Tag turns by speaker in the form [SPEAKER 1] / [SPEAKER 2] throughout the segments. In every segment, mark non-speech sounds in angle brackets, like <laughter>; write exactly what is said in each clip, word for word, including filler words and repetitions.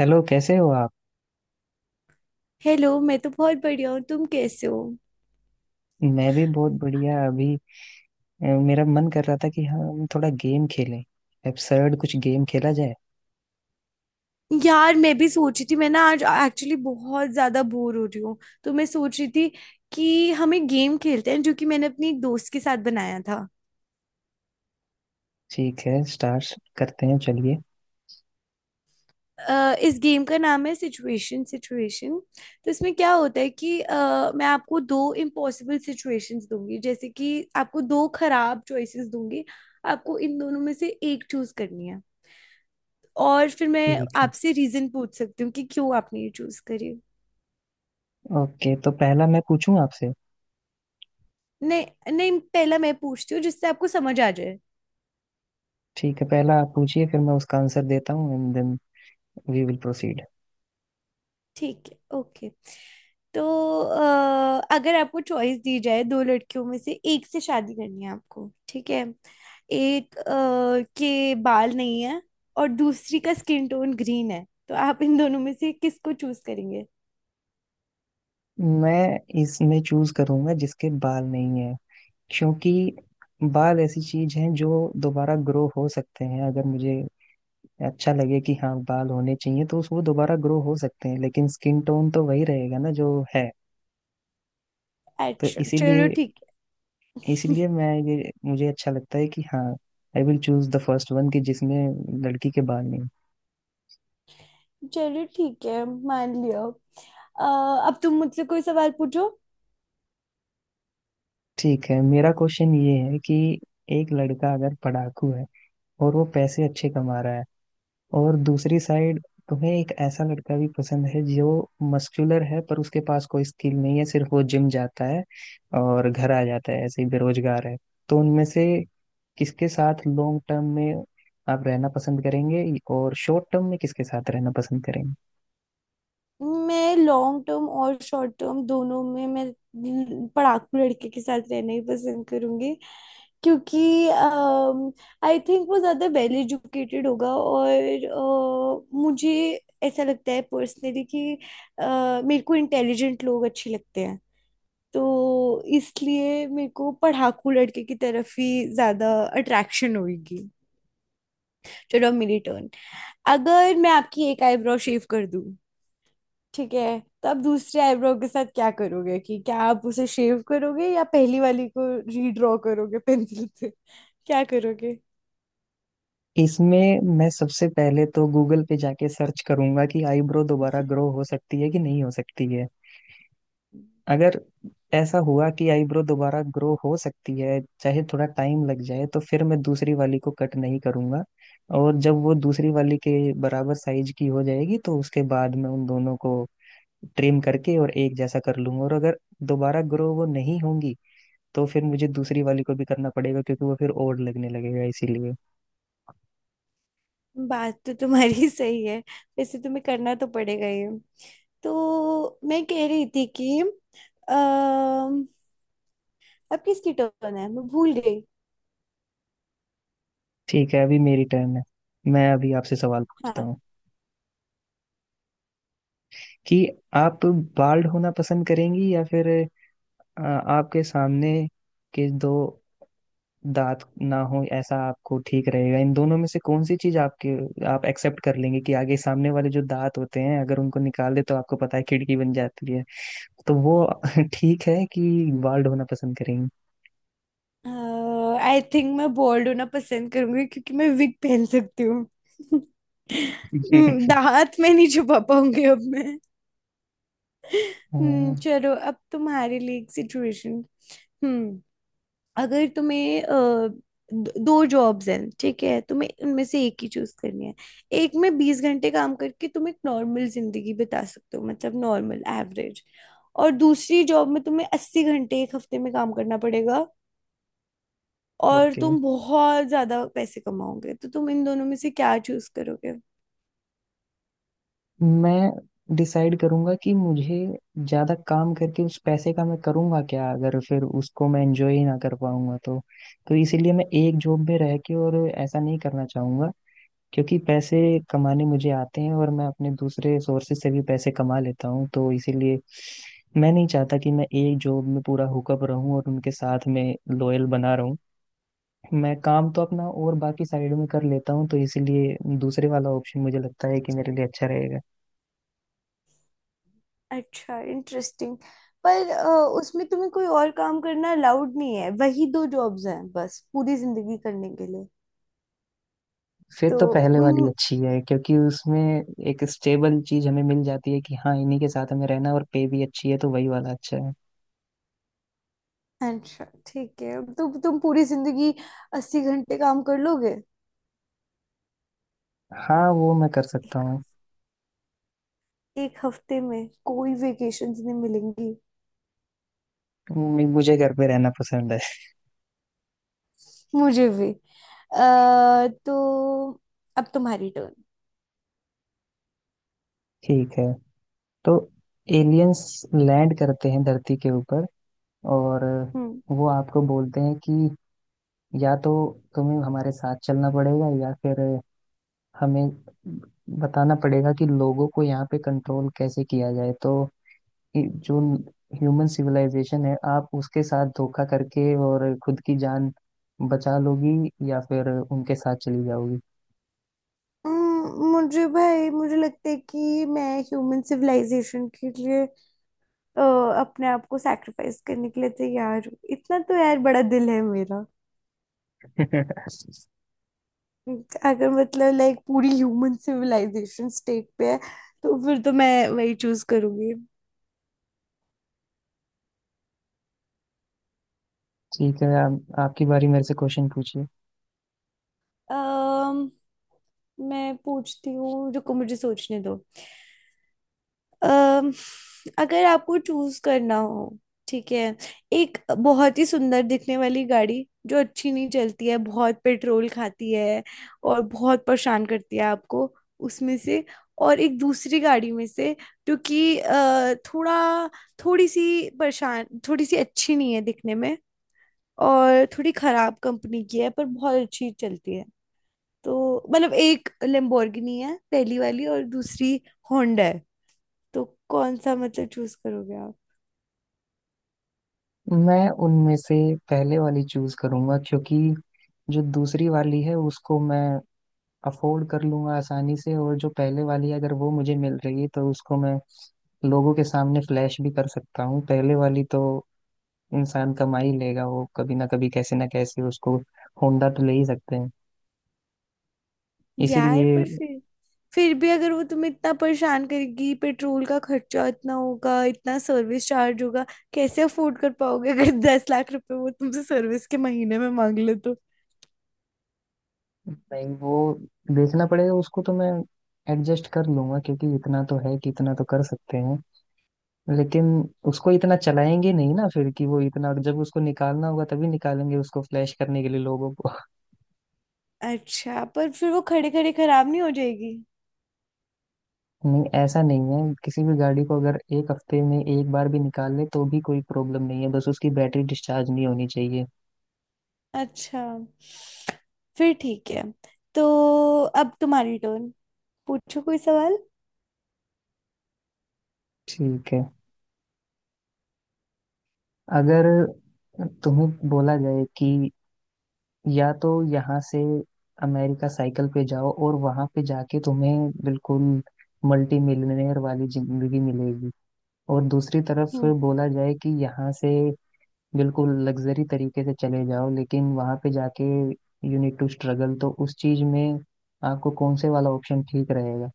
[SPEAKER 1] Hello कैसे हो आप।
[SPEAKER 2] हेलो। मैं तो बहुत बढ़िया हूँ, तुम कैसे हो?
[SPEAKER 1] मैं भी बहुत बढ़िया अभी। अ, मेरा मन कर रहा था कि हम थोड़ा गेम खेलें। एब्सर्ड कुछ गेम खेला जाए।
[SPEAKER 2] यार, मैं भी सोच रही थी। मैं ना आज एक्चुअली बहुत ज्यादा बोर हो रही हूँ, तो मैं सोच रही थी कि हम एक गेम खेलते हैं जो कि मैंने अपनी एक दोस्त के साथ बनाया था।
[SPEAKER 1] ठीक है, स्टार्ट करते हैं चलिए।
[SPEAKER 2] अ, इस गेम का नाम है सिचुएशन सिचुएशन। तो इसमें क्या होता है कि अ, मैं आपको दो इम्पॉसिबल सिचुएशंस दूंगी, जैसे कि आपको दो खराब चॉइसेस दूंगी। आपको इन दोनों में से एक चूज करनी है, और फिर मैं
[SPEAKER 1] ठीक है,
[SPEAKER 2] आपसे रीजन पूछ सकती हूँ कि क्यों आपने ये चूज करी।
[SPEAKER 1] ओके, तो पहला मैं पूछूं आपसे।
[SPEAKER 2] नहीं नहीं, पहला मैं पूछती हूँ जिससे आपको समझ आ जाए।
[SPEAKER 1] ठीक है, पहला आप पूछिए, फिर मैं उसका आंसर देता हूँ and then we will proceed.
[SPEAKER 2] ठीक है, ओके। तो अ, अगर आपको चॉइस दी जाए, दो लड़कियों में से एक से शादी करनी है आपको, ठीक है, एक अ, के बाल नहीं है और दूसरी का स्किन टोन ग्रीन है, तो आप इन दोनों में से किसको चूज करेंगे?
[SPEAKER 1] मैं इसमें चूज करूंगा जिसके बाल नहीं है, क्योंकि बाल ऐसी चीज है जो दोबारा ग्रो हो सकते हैं। अगर मुझे अच्छा लगे कि हाँ बाल होने चाहिए तो उस- वो दोबारा ग्रो हो सकते हैं, लेकिन स्किन टोन तो वही रहेगा ना जो है। तो
[SPEAKER 2] अच्छा, चलो
[SPEAKER 1] इसीलिए,
[SPEAKER 2] ठीक है।
[SPEAKER 1] इसीलिए
[SPEAKER 2] <laughs>
[SPEAKER 1] मैं ये मुझे अच्छा लगता है कि हाँ I will choose the first one, कि जिसमें लड़की के बाल नहीं।
[SPEAKER 2] चलो ठीक है, मान लिया। अ, अब तुम मुझसे कोई सवाल पूछो।
[SPEAKER 1] ठीक है, मेरा क्वेश्चन ये है कि एक लड़का अगर पढ़ाकू है और वो पैसे अच्छे कमा रहा है, और दूसरी साइड तुम्हें एक ऐसा लड़का भी पसंद है जो मस्कुलर है पर उसके पास कोई स्किल नहीं है, सिर्फ वो जिम जाता है और घर आ जाता है ऐसे ही बेरोजगार है। तो उनमें से किसके साथ लॉन्ग टर्म में आप रहना पसंद करेंगे, और शॉर्ट टर्म में किसके साथ रहना पसंद करेंगे।
[SPEAKER 2] मैं लॉन्ग टर्म और शॉर्ट टर्म दोनों में, मैं पढ़ाकू लड़के के साथ रहना ही पसंद करूंगी। क्योंकि आई थिंक वो ज़्यादा वेल एजुकेटेड होगा, और अ, मुझे ऐसा लगता है पर्सनली कि अ, मेरे को इंटेलिजेंट लोग अच्छे लगते हैं। तो इसलिए मेरे को पढ़ाकू लड़के की तरफ ही ज़्यादा अट्रैक्शन होगी। चलो, अब मेरी टर्न। अगर मैं आपकी एक आईब्रो शेव कर दूं, ठीक है, तो आप दूसरे आईब्रो के साथ क्या करोगे? कि क्या आप उसे शेव करोगे, या पहली वाली को रीड्रॉ करोगे पेंसिल से? क्या करोगे?
[SPEAKER 1] इसमें मैं सबसे पहले तो गूगल पे जाके सर्च करूंगा कि आईब्रो दोबारा ग्रो हो सकती है कि नहीं हो सकती है। अगर ऐसा हुआ कि आईब्रो दोबारा ग्रो हो सकती है, चाहे थोड़ा टाइम लग जाए, तो फिर मैं दूसरी वाली को कट नहीं करूंगा। और जब वो दूसरी वाली के बराबर साइज की हो जाएगी तो उसके बाद मैं उन दोनों को ट्रिम करके और एक जैसा कर लूंगा। और अगर दोबारा ग्रो वो नहीं होंगी तो फिर मुझे दूसरी वाली को भी करना पड़ेगा, क्योंकि वो फिर और लगने लगेगा, इसीलिए।
[SPEAKER 2] बात तो तुम्हारी <laughs> सही है। वैसे तुम्हें करना तो पड़ेगा ये। तो मैं कह रही थी कि अम, अब किसकी टर्न है, मैं भूल गई।
[SPEAKER 1] ठीक है, अभी मेरी टर्न है। मैं अभी आपसे सवाल पूछता
[SPEAKER 2] हाँ,
[SPEAKER 1] हूँ कि आप बाल्ड होना पसंद करेंगी, या फिर आ, आपके सामने के दो दांत ना हो, ऐसा आपको ठीक रहेगा? इन दोनों में से कौन सी चीज आपके, आप एक्सेप्ट कर लेंगे कि आगे सामने वाले जो दांत होते हैं अगर उनको निकाल दे तो आपको पता है खिड़की बन जाती है। तो वो <laughs> ठीक है कि बाल्ड होना पसंद
[SPEAKER 2] आई थिंक मैं बोल्ड होना पसंद करूंगी, क्योंकि मैं विग पहन सकती हूँ। <laughs> हम्म,
[SPEAKER 1] करेंगे? <laughs>
[SPEAKER 2] दांत में नहीं छुपा पाऊंगी अब मैं। हम्म, चलो अब तुम्हारे लिए एक सिचुएशन। हम्म। अगर तुम्हें अ, द- दो जॉब्स हैं, ठीक है, तुम्हें उनमें से एक ही चूज करनी है। एक में बीस घंटे काम करके तुम एक नॉर्मल जिंदगी बिता सकते हो, मतलब नॉर्मल एवरेज। और दूसरी जॉब में तुम्हें अस्सी घंटे एक हफ्ते में काम करना पड़ेगा, और
[SPEAKER 1] ओके,
[SPEAKER 2] तुम बहुत ज्यादा पैसे कमाओगे। तो तुम इन दोनों में से क्या चूज करोगे?
[SPEAKER 1] मैं डिसाइड करूंगा कि मुझे ज्यादा काम करके उस पैसे का मैं करूंगा क्या, अगर फिर उसको मैं एंजॉय ही ना कर पाऊंगा तो। तो इसीलिए मैं एक जॉब में रह के और ऐसा नहीं करना चाहूंगा, क्योंकि पैसे कमाने मुझे आते हैं और मैं अपने दूसरे सोर्सेज से भी पैसे कमा लेता हूँ। तो इसीलिए मैं नहीं चाहता कि मैं एक जॉब में पूरा हुकअप रहूं और उनके साथ में लॉयल बना रहूं। मैं काम तो अपना और बाकी साइड में कर लेता हूँ, तो इसीलिए दूसरे वाला ऑप्शन मुझे लगता है कि मेरे लिए अच्छा रहेगा।
[SPEAKER 2] अच्छा, इंटरेस्टिंग। पर अ, उसमें तुम्हें कोई और काम करना अलाउड नहीं है, वही दो जॉब्स हैं बस पूरी जिंदगी करने के लिए।
[SPEAKER 1] फिर
[SPEAKER 2] तो
[SPEAKER 1] तो पहले वाली
[SPEAKER 2] उन
[SPEAKER 1] अच्छी है, क्योंकि उसमें एक स्टेबल चीज हमें मिल जाती है कि हाँ इन्हीं के साथ हमें रहना है, और पे भी अच्छी है तो वही वाला अच्छा है।
[SPEAKER 2] अच्छा, ठीक है। तो तुम पूरी जिंदगी अस्सी घंटे काम कर लोगे?
[SPEAKER 1] हाँ, वो मैं कर सकता
[SPEAKER 2] एक,
[SPEAKER 1] हूँ।
[SPEAKER 2] एक हफ्ते में कोई वेकेशंस नहीं मिलेंगी।
[SPEAKER 1] मुझे घर पे रहना पसंद है।
[SPEAKER 2] मुझे भी। अ, तो अब तुम्हारी टर्न।
[SPEAKER 1] ठीक है, तो एलियंस लैंड करते हैं धरती के ऊपर, और
[SPEAKER 2] हम्म।
[SPEAKER 1] वो आपको बोलते हैं कि या तो तुम्हें हमारे साथ चलना पड़ेगा, या फिर हमें बताना पड़ेगा कि लोगों को यहाँ पे कंट्रोल कैसे किया जाए। तो ये जो ह्यूमन सिविलाइजेशन है, आप उसके साथ धोखा करके और खुद की जान बचा लोगी, या फिर उनके साथ चली जाओगी?
[SPEAKER 2] हम्म, मुझे, भाई मुझे लगता है कि मैं ह्यूमन सिविलाइजेशन के लिए अ, अपने आप को सैक्रिफाइस करने के लिए तैयार हूँ। इतना तो यार बड़ा दिल है मेरा।
[SPEAKER 1] <laughs>
[SPEAKER 2] अगर मतलब लाइक पूरी ह्यूमन सिविलाइजेशन स्टेट पे है, तो फिर तो मैं वही चूज करूंगी।
[SPEAKER 1] ठीक है, आप, आपकी बारी, मेरे से क्वेश्चन पूछिए।
[SPEAKER 2] अम्म, मैं पूछती हूँ, रुको मुझे सोचने दो। अम, अगर आपको चूज करना हो, ठीक है, एक बहुत ही सुंदर दिखने वाली गाड़ी जो अच्छी नहीं चलती है, बहुत पेट्रोल खाती है और बहुत परेशान करती है आपको, उसमें से और एक दूसरी गाड़ी में से, जो कि अ, थोड़ा थोड़ी सी परेशान, थोड़ी सी अच्छी नहीं है दिखने में और थोड़ी खराब कंपनी की है, पर बहुत अच्छी चलती है। तो मतलब एक लेम्बोर्गिनी है पहली वाली और दूसरी होंडा है। तो कौन सा, मतलब, चूज करोगे आप?
[SPEAKER 1] मैं उनमें से पहले वाली चूज करूंगा, क्योंकि जो दूसरी वाली है उसको मैं अफोर्ड कर लूंगा आसानी से, और जो पहले वाली है अगर वो मुझे मिल रही है तो उसको मैं लोगों के सामने फ्लैश भी कर सकता हूँ। पहले वाली तो इंसान कमा ही लेगा वो कभी ना कभी, कैसे ना कैसे उसको। होंडा तो ले ही सकते हैं
[SPEAKER 2] यार,
[SPEAKER 1] इसीलिए।
[SPEAKER 2] पर फिर फिर भी अगर वो तुम्हें इतना परेशान करेगी, पेट्रोल का खर्चा इतना होगा, इतना सर्विस चार्ज होगा, कैसे अफोर्ड कर पाओगे अगर <laughs> दस लाख रुपए वो तुमसे सर्विस के महीने में मांग ले तो?
[SPEAKER 1] नहीं, वो देखना पड़ेगा, उसको तो मैं एडजस्ट कर लूंगा, क्योंकि इतना तो है कि इतना तो कर सकते हैं। लेकिन उसको इतना चलाएंगे नहीं ना फिर, कि वो इतना जब उसको निकालना होगा तभी निकालेंगे, उसको फ्लैश करने के लिए लोगों को।
[SPEAKER 2] अच्छा, पर फिर वो खड़े खड़े खराब नहीं हो जाएगी?
[SPEAKER 1] <laughs> नहीं, ऐसा नहीं है, किसी भी गाड़ी को अगर एक हफ्ते में एक बार भी निकाल ले तो भी कोई प्रॉब्लम नहीं है, बस उसकी बैटरी डिस्चार्ज नहीं होनी चाहिए।
[SPEAKER 2] अच्छा, फिर ठीक है। तो अब तुम्हारी टर्न, पूछो कोई सवाल।
[SPEAKER 1] ठीक है, अगर तुम्हें बोला जाए कि या तो यहाँ से अमेरिका साइकिल पे जाओ और वहां पे जाके तुम्हें बिल्कुल मल्टी मिलियनेयर वाली जिंदगी मिलेगी, और दूसरी तरफ
[SPEAKER 2] हम्म।
[SPEAKER 1] बोला जाए कि यहाँ से बिल्कुल लग्जरी तरीके से चले जाओ लेकिन वहां पे जाके यू नीड टू स्ट्रगल, तो उस चीज में आपको कौन से वाला ऑप्शन ठीक रहेगा?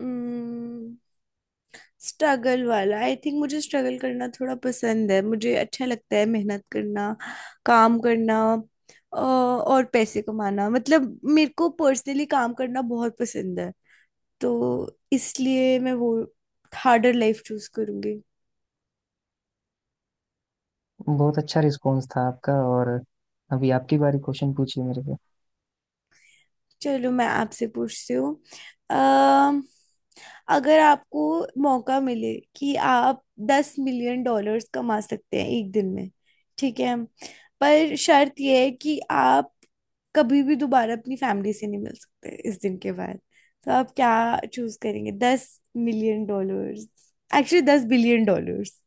[SPEAKER 2] हम्म, स्ट्रगल वाला। आई थिंक मुझे स्ट्रगल करना थोड़ा पसंद है, मुझे अच्छा लगता है मेहनत करना, काम करना अ, और पैसे कमाना। मतलब मेरे को पर्सनली काम करना बहुत पसंद है, तो इसलिए मैं वो हार्डर लाइफ चूज करूंगी।
[SPEAKER 1] बहुत अच्छा रिस्पॉन्स था आपका, और अभी आपकी बारी, क्वेश्चन पूछिए मेरे से।
[SPEAKER 2] चलो मैं आपसे पूछती हूँ। अम, अगर आपको मौका मिले कि आप दस मिलियन डॉलर्स कमा सकते हैं एक दिन में, ठीक है, पर शर्त यह है कि आप कभी भी दोबारा अपनी फैमिली से नहीं मिल सकते इस दिन के बाद। तो आप क्या चूज करेंगे? दस मिलियन डॉलर्स, एक्चुअली दस बिलियन डॉलर्स।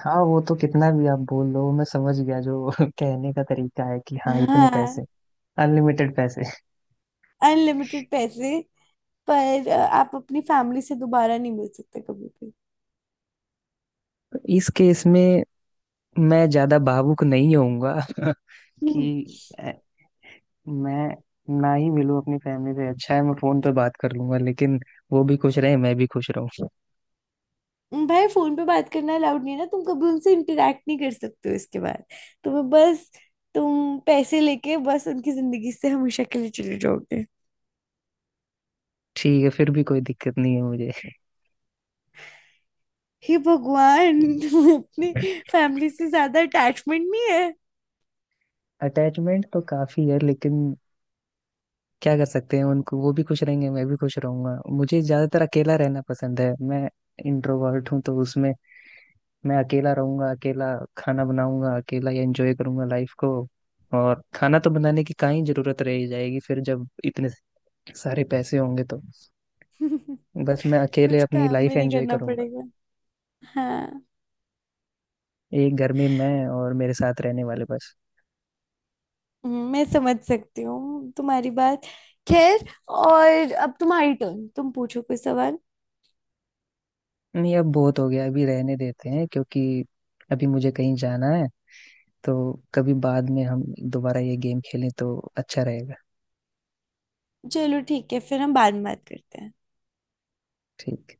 [SPEAKER 1] हाँ, वो तो कितना भी आप बोल लो, मैं समझ गया जो <laughs> कहने का तरीका है कि हाँ इतने
[SPEAKER 2] हाँ,
[SPEAKER 1] पैसे, अनलिमिटेड पैसे।
[SPEAKER 2] अनलिमिटेड पैसे। पर अ, आप अपनी फैमिली से दोबारा नहीं मिल सकते कभी भी।
[SPEAKER 1] इस केस में मैं ज्यादा भावुक नहीं होऊंगा <laughs> कि
[SPEAKER 2] हम्म।
[SPEAKER 1] मैं ना ही मिलूँ अपनी फैमिली से अच्छा है, मैं फोन पे बात कर लूंगा, लेकिन वो भी खुश रहे मैं भी खुश रहूँ।
[SPEAKER 2] भाई, फोन पे बात करना अलाउड नहीं है ना, तुम कभी उनसे इंटरेक्ट नहीं कर सकते हो इसके बाद। तुम्हें बस, तुम पैसे लेके बस उनकी जिंदगी से हमेशा के लिए चले जाओगे।
[SPEAKER 1] ठीक है, फिर भी कोई दिक्कत नहीं है मुझे।
[SPEAKER 2] हे भगवान, तुम्हें अपनी फैमिली से ज्यादा अटैचमेंट नहीं है?
[SPEAKER 1] अटैचमेंट तो काफी है, लेकिन क्या कर सकते हैं, उनको वो भी खुश रहेंगे मैं भी खुश रहूंगा। मुझे ज्यादातर अकेला रहना पसंद है, मैं इंट्रोवर्ट हूँ, तो उसमें मैं अकेला रहूंगा, अकेला खाना बनाऊंगा, अकेला एंजॉय करूंगा लाइफ को। और खाना तो बनाने की कहाँ ही जरूरत रह जाएगी फिर, जब इतने सारे पैसे होंगे तो।
[SPEAKER 2] <laughs>
[SPEAKER 1] बस मैं अकेले
[SPEAKER 2] कुछ
[SPEAKER 1] अपनी
[SPEAKER 2] काम
[SPEAKER 1] लाइफ
[SPEAKER 2] भी नहीं
[SPEAKER 1] एंजॉय
[SPEAKER 2] करना
[SPEAKER 1] करूंगा,
[SPEAKER 2] पड़ेगा। हाँ।
[SPEAKER 1] एक घर में मैं और मेरे साथ रहने वाले बस।
[SPEAKER 2] हम्म, मैं समझ सकती हूँ तुम्हारी बात। खैर, और अब तुम्हारी टर्न, तुम पूछो कोई सवाल।
[SPEAKER 1] नहीं, अब बहुत हो गया, अभी रहने देते हैं, क्योंकि अभी मुझे कहीं जाना है। तो कभी बाद में हम दोबारा ये गेम खेलें तो अच्छा रहेगा।
[SPEAKER 2] चलो ठीक है, फिर हम बाद में बात करते हैं।
[SPEAKER 1] ठीक।